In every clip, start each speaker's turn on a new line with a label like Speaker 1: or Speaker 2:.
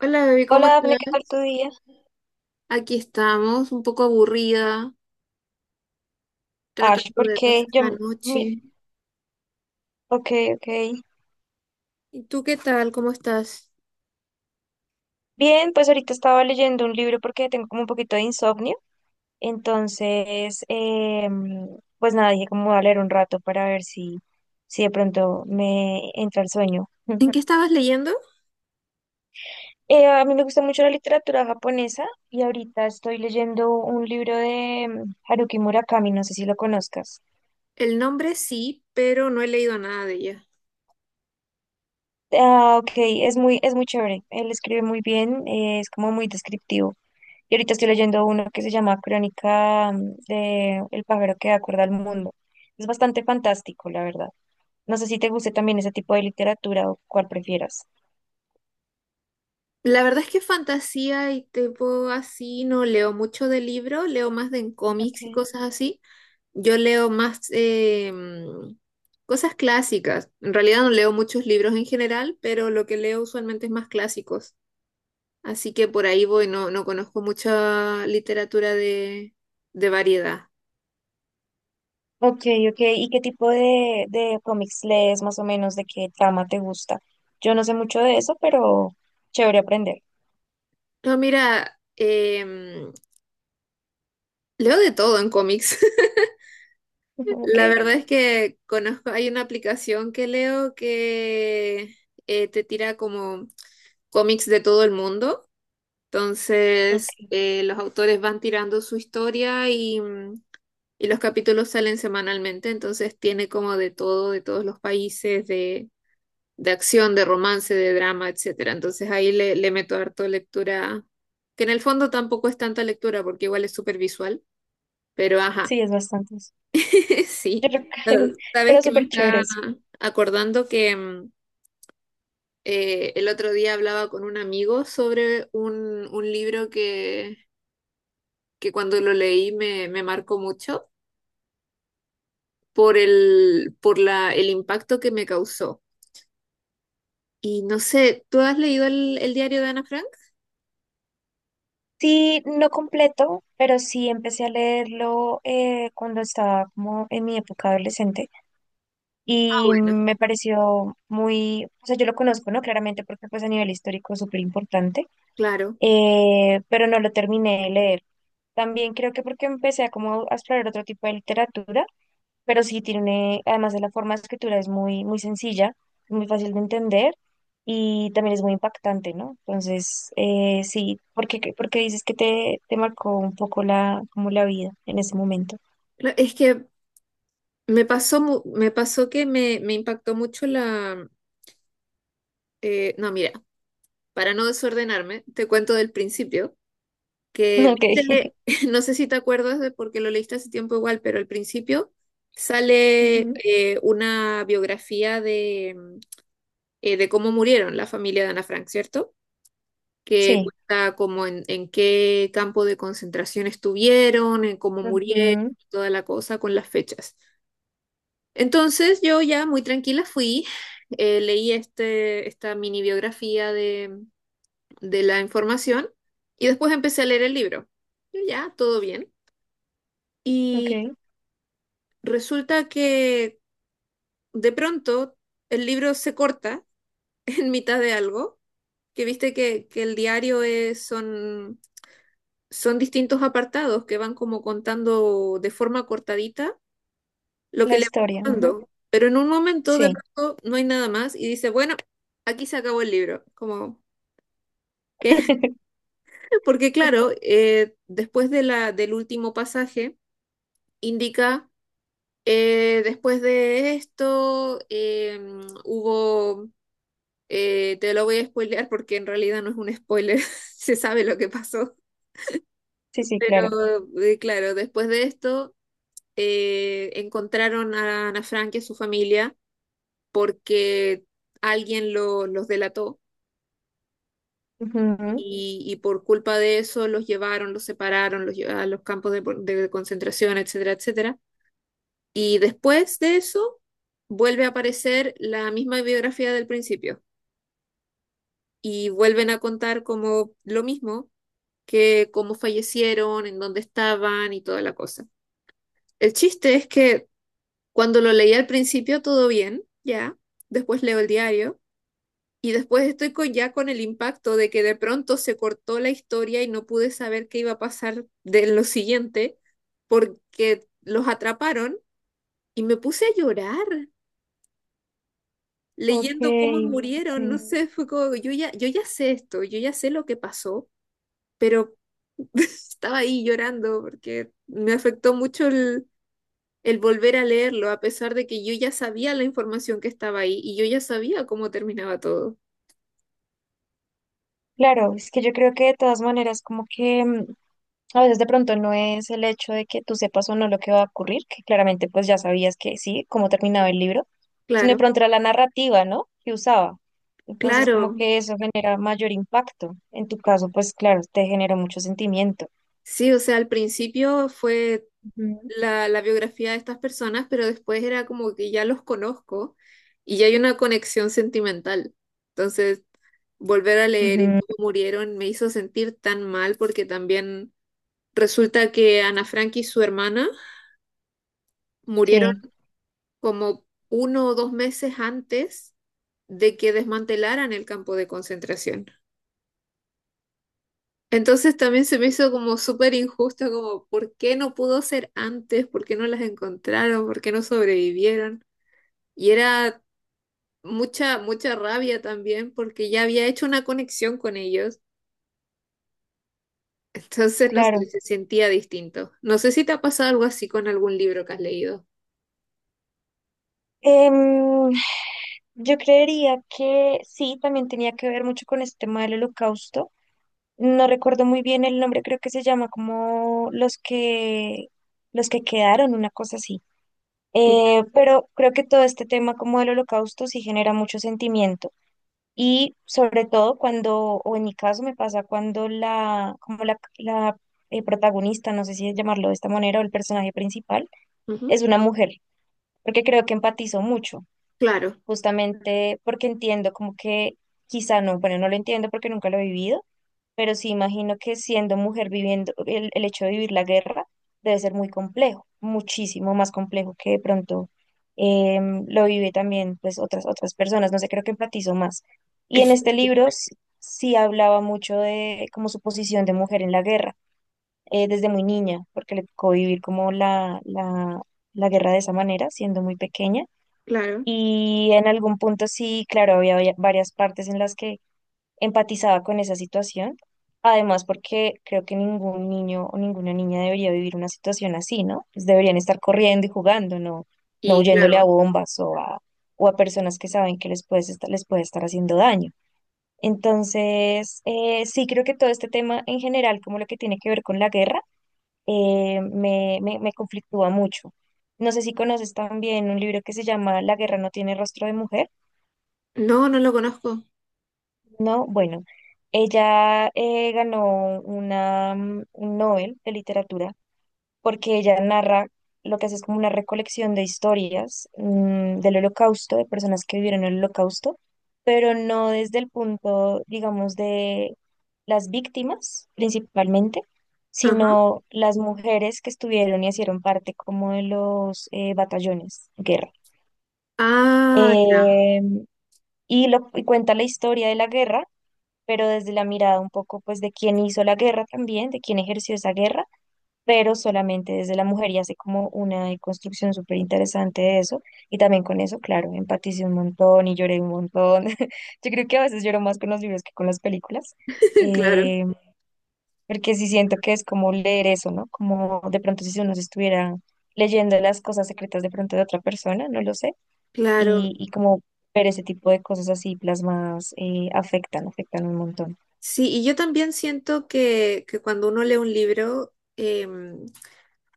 Speaker 1: Hola, bebé, ¿cómo
Speaker 2: Hola Dafne,
Speaker 1: estás?
Speaker 2: ¿qué tal tu día?
Speaker 1: Aquí estamos, un poco aburrida,
Speaker 2: Ash,
Speaker 1: tratando de pasar
Speaker 2: porque yo,
Speaker 1: la noche.
Speaker 2: ok, ok.
Speaker 1: ¿Y tú qué tal? ¿Cómo estás?
Speaker 2: Bien, pues ahorita estaba leyendo un libro porque tengo como un poquito de insomnio, entonces, pues nada, dije como voy a leer un rato para ver si, si de pronto me entra el sueño. Mm.
Speaker 1: ¿En qué estabas leyendo?
Speaker 2: A mí me gusta mucho la literatura japonesa y ahorita estoy leyendo un libro de Haruki Murakami, no sé si lo conozcas.
Speaker 1: El nombre sí, pero no he leído nada de ella.
Speaker 2: Ah, ok, es muy chévere, él escribe muy bien, es como muy descriptivo. Y ahorita estoy leyendo uno que se llama Crónica de El pájaro que da cuerda al mundo. Es bastante fantástico, la verdad. No sé si te guste también ese tipo de literatura o cuál prefieras.
Speaker 1: La verdad es que fantasía y tipo así no leo mucho de libro, leo más de en cómics y
Speaker 2: Okay.
Speaker 1: cosas así. Yo leo más cosas clásicas. En realidad no leo muchos libros en general, pero lo que leo usualmente es más clásicos. Así que por ahí voy, no, no conozco mucha literatura de variedad.
Speaker 2: Ok, ok. ¿Y qué tipo de cómics lees más o menos? ¿De qué trama te gusta? Yo no sé mucho de eso, pero chévere aprender.
Speaker 1: No, mira, leo de todo en cómics.
Speaker 2: Ok,
Speaker 1: La verdad es que conozco, hay una aplicación que leo que te tira como cómics de todo el mundo.
Speaker 2: ok.
Speaker 1: Entonces, los autores van tirando su historia y los capítulos salen semanalmente. Entonces, tiene como de todo, de todos los países, de acción, de romance, de drama, etcétera. Entonces ahí le meto harto lectura, que en el fondo tampoco es tanta lectura porque igual es súper visual, pero ajá,
Speaker 2: Sí, es bastante eso.
Speaker 1: sí.
Speaker 2: Yo creo que-
Speaker 1: Eh, Sabes
Speaker 2: pero
Speaker 1: que me
Speaker 2: súper
Speaker 1: está
Speaker 2: chéveres.
Speaker 1: acordando que el otro día hablaba con un amigo sobre un libro que cuando lo leí me marcó mucho por el, por la, el impacto que me causó. Y no sé, ¿tú has leído el diario de Ana Frank?
Speaker 2: Sí, no completo, pero sí empecé a leerlo cuando estaba como en mi época adolescente.
Speaker 1: Ah,
Speaker 2: Y
Speaker 1: bueno,
Speaker 2: me pareció muy, o sea, yo lo conozco, ¿no? Claramente porque pues a nivel histórico es súper importante,
Speaker 1: claro.
Speaker 2: pero no lo terminé de leer. También creo que porque empecé a como a explorar otro tipo de literatura, pero sí tiene, además de la forma de escritura es muy, muy sencilla, muy fácil de entender y también es muy impactante, ¿no? Entonces, sí, porque, porque dices que te marcó un poco la, como la vida en ese momento.
Speaker 1: Es que me pasó que me impactó mucho no, mira, para no desordenarme, te cuento del principio, que
Speaker 2: Ok.
Speaker 1: viste, no sé si te acuerdas de porque lo leíste hace tiempo igual, pero al principio sale
Speaker 2: Ujú.
Speaker 1: una biografía de cómo murieron la familia de Ana Frank, ¿cierto? Que
Speaker 2: Sí.
Speaker 1: cuenta como en qué campo de concentración estuvieron, en cómo murieron,
Speaker 2: Ujú.
Speaker 1: toda la cosa con las fechas. Entonces yo ya muy tranquila leí esta mini biografía de la información y después empecé a leer el libro. Y ya, todo bien. Y
Speaker 2: Ok.
Speaker 1: resulta que de pronto el libro se corta en mitad de algo, que viste que el diario son distintos apartados que van como contando de forma cortadita lo
Speaker 2: La
Speaker 1: que le
Speaker 2: historia,
Speaker 1: va
Speaker 2: ujú.
Speaker 1: dando. Pero en un momento de
Speaker 2: Sí.
Speaker 1: pronto no hay nada más y dice, bueno, aquí se acabó el libro. Como, ¿qué? Porque claro, después del último pasaje, indica, después de esto, hubo, te lo voy a spoilear porque en realidad no es un spoiler, se sabe lo que pasó.
Speaker 2: Sí, sí, claro.
Speaker 1: Pero claro, después de esto, encontraron a Ana Frank y a su familia porque alguien los delató.
Speaker 2: Ujú.
Speaker 1: Y por culpa de eso los llevaron, los separaron, los llevaron a los campos de concentración, etcétera, etcétera. Y después de eso vuelve a aparecer la misma biografía del principio y vuelven a contar como lo mismo, que cómo fallecieron, en dónde estaban y toda la cosa. El chiste es que cuando lo leí al principio todo bien, ya, después leo el diario. Y después estoy ya con el impacto de que de pronto se cortó la historia y no pude saber qué iba a pasar de lo siguiente porque los atraparon y me puse a llorar
Speaker 2: Ok,
Speaker 1: leyendo cómo murieron. No
Speaker 2: ok.
Speaker 1: sé, fue como, yo ya sé esto, yo ya sé lo que pasó, pero estaba ahí llorando porque me afectó mucho el volver a leerlo, a pesar de que yo ya sabía la información que estaba ahí y yo ya sabía cómo terminaba todo.
Speaker 2: Claro, es que yo creo que de todas maneras como que a veces de pronto no es el hecho de que tú sepas o no lo que va a ocurrir, que claramente pues ya sabías que sí, cómo terminaba el libro, sino de
Speaker 1: Claro,
Speaker 2: pronto era la narrativa, ¿no?, que usaba. Entonces como
Speaker 1: claro.
Speaker 2: que eso genera mayor impacto. En tu caso, pues claro, te generó mucho sentimiento.
Speaker 1: Sí, o sea, al principio fue
Speaker 2: Ujú,
Speaker 1: la biografía de estas personas, pero después era como que ya los conozco y ya hay una conexión sentimental. Entonces, volver a leer y
Speaker 2: ujú.
Speaker 1: cómo murieron me hizo sentir tan mal porque también resulta que Ana Frank y su hermana murieron
Speaker 2: Sí,
Speaker 1: como 1 o 2 meses antes de que desmantelaran el campo de concentración. Entonces también se me hizo como súper injusto, como ¿por qué no pudo ser antes? ¿Por qué no las encontraron? ¿Por qué no sobrevivieron? Y era mucha, mucha rabia también porque ya había hecho una conexión con ellos. Entonces, no sé,
Speaker 2: claro.
Speaker 1: se sentía distinto. No sé si te ha pasado algo así con algún libro que has leído.
Speaker 2: Em, yo creería que sí, también tenía que ver mucho con este tema del holocausto. No recuerdo muy bien el nombre, creo que se llama como los que quedaron, una cosa así. Pero creo que todo este tema como del holocausto sí genera mucho sentimiento. Y sobre todo cuando, o en mi caso me pasa cuando la, como la protagonista, no sé si llamarlo de esta manera, o el personaje principal,
Speaker 1: Ujú,
Speaker 2: es una mujer, porque creo que empatizo mucho
Speaker 1: claro,
Speaker 2: justamente porque entiendo como que quizá no, bueno, no lo entiendo porque nunca lo he vivido, pero sí imagino que siendo mujer viviendo, el hecho de vivir la guerra debe ser muy complejo, muchísimo más complejo que de pronto lo vive también pues otras, otras personas, no sé, creo que empatizo más. Y en
Speaker 1: es-
Speaker 2: este libro sí hablaba mucho de como su posición de mujer en la guerra, desde muy niña, porque le tocó vivir como la guerra de esa manera, siendo muy pequeña
Speaker 1: claro.
Speaker 2: y en algún punto sí, claro, había varias partes en las que empatizaba con esa situación. Además, porque creo que ningún niño o ninguna niña debería vivir una situación así, ¿no? Pues deberían estar corriendo y jugando, no, no
Speaker 1: Y
Speaker 2: huyéndole a
Speaker 1: claro.
Speaker 2: bombas o a personas que saben que les puede estar haciendo daño. Entonces, sí creo que todo este tema en general, como lo que tiene que ver con la guerra, me conflictúa mucho. No sé si conoces también un libro que se llama La guerra no tiene rostro de mujer.
Speaker 1: No, no lo conozco.
Speaker 2: No, bueno, ella ganó una, un Nobel de literatura porque ella narra, lo que hace es como una recolección de historias del Holocausto, de personas que vivieron el Holocausto, pero no desde el punto, digamos, de las víctimas principalmente,
Speaker 1: Ajá.
Speaker 2: sino las mujeres que estuvieron y hicieron parte como de los batallones de guerra.
Speaker 1: Ah, ya.
Speaker 2: Eh, y, lo, y cuenta la historia de la guerra pero desde la mirada un poco pues de quién hizo la guerra también, de quién ejerció esa guerra, pero solamente desde la mujer y hace como una construcción súper interesante de eso. Y también con eso, claro, empaticé un montón y lloré un montón. Yo creo que a veces lloro más con los libros que con las películas.
Speaker 1: Claro,
Speaker 2: eh, porque sí siento que es como leer eso, ¿no? Como de pronto si uno se estuviera leyendo las cosas secretas de pronto de otra persona, no lo sé,
Speaker 1: claro.
Speaker 2: y como ver ese tipo de cosas así plasmadas afectan, afectan un montón.
Speaker 1: Sí, y yo también siento que cuando uno lee un libro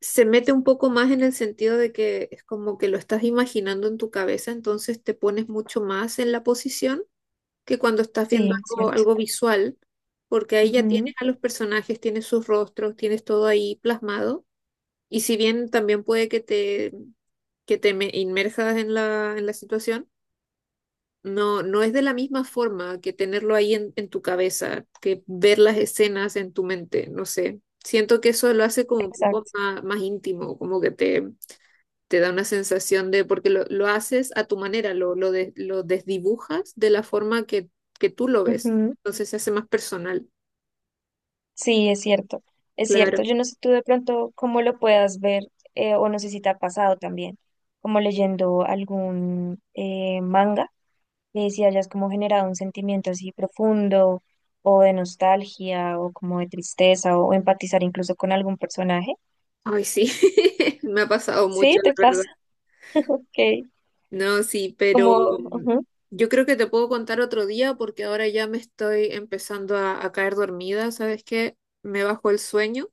Speaker 1: se mete un poco más en el sentido de que es como que lo estás imaginando en tu cabeza, entonces te pones mucho más en la posición que cuando estás viendo
Speaker 2: Sí,
Speaker 1: algo,
Speaker 2: cierto.
Speaker 1: algo visual, porque ahí ya tienes
Speaker 2: Ujú.
Speaker 1: a los personajes, tienes sus rostros, tienes todo ahí plasmado. Y si bien también puede que te inmerjas en la situación, no, no es de la misma forma que tenerlo ahí en tu cabeza, que ver las escenas en tu mente, no sé. Siento que eso lo hace como un poco
Speaker 2: Exacto.
Speaker 1: más, más íntimo, como que te da una sensación de, porque lo haces a tu manera, lo desdibujas de la forma que tú lo ves.
Speaker 2: Ujú.
Speaker 1: Entonces se hace más personal.
Speaker 2: Sí, es cierto. Es cierto.
Speaker 1: Claro.
Speaker 2: Yo no sé tú de pronto cómo lo puedas ver, o no sé si te ha pasado también, como leyendo algún manga, si hayas como generado un sentimiento así profundo o de nostalgia o como de tristeza o, empatizar incluso con algún personaje.
Speaker 1: Ay, sí, me ha pasado
Speaker 2: Sí,
Speaker 1: mucho, la
Speaker 2: te
Speaker 1: verdad.
Speaker 2: pasa. Ok.
Speaker 1: No, sí, pero
Speaker 2: Como, ujú.
Speaker 1: yo creo que te puedo contar otro día porque ahora ya me estoy empezando a caer dormida, ¿sabes qué? Me bajó el sueño,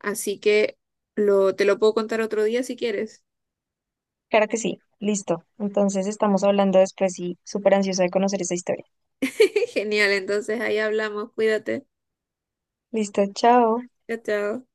Speaker 1: así que te lo puedo contar otro día si quieres.
Speaker 2: Claro que sí. Listo. Entonces estamos hablando después y súper ansiosa de conocer esa historia.
Speaker 1: Genial, entonces ahí hablamos, cuídate.
Speaker 2: Listo, chao.
Speaker 1: Chao, chao.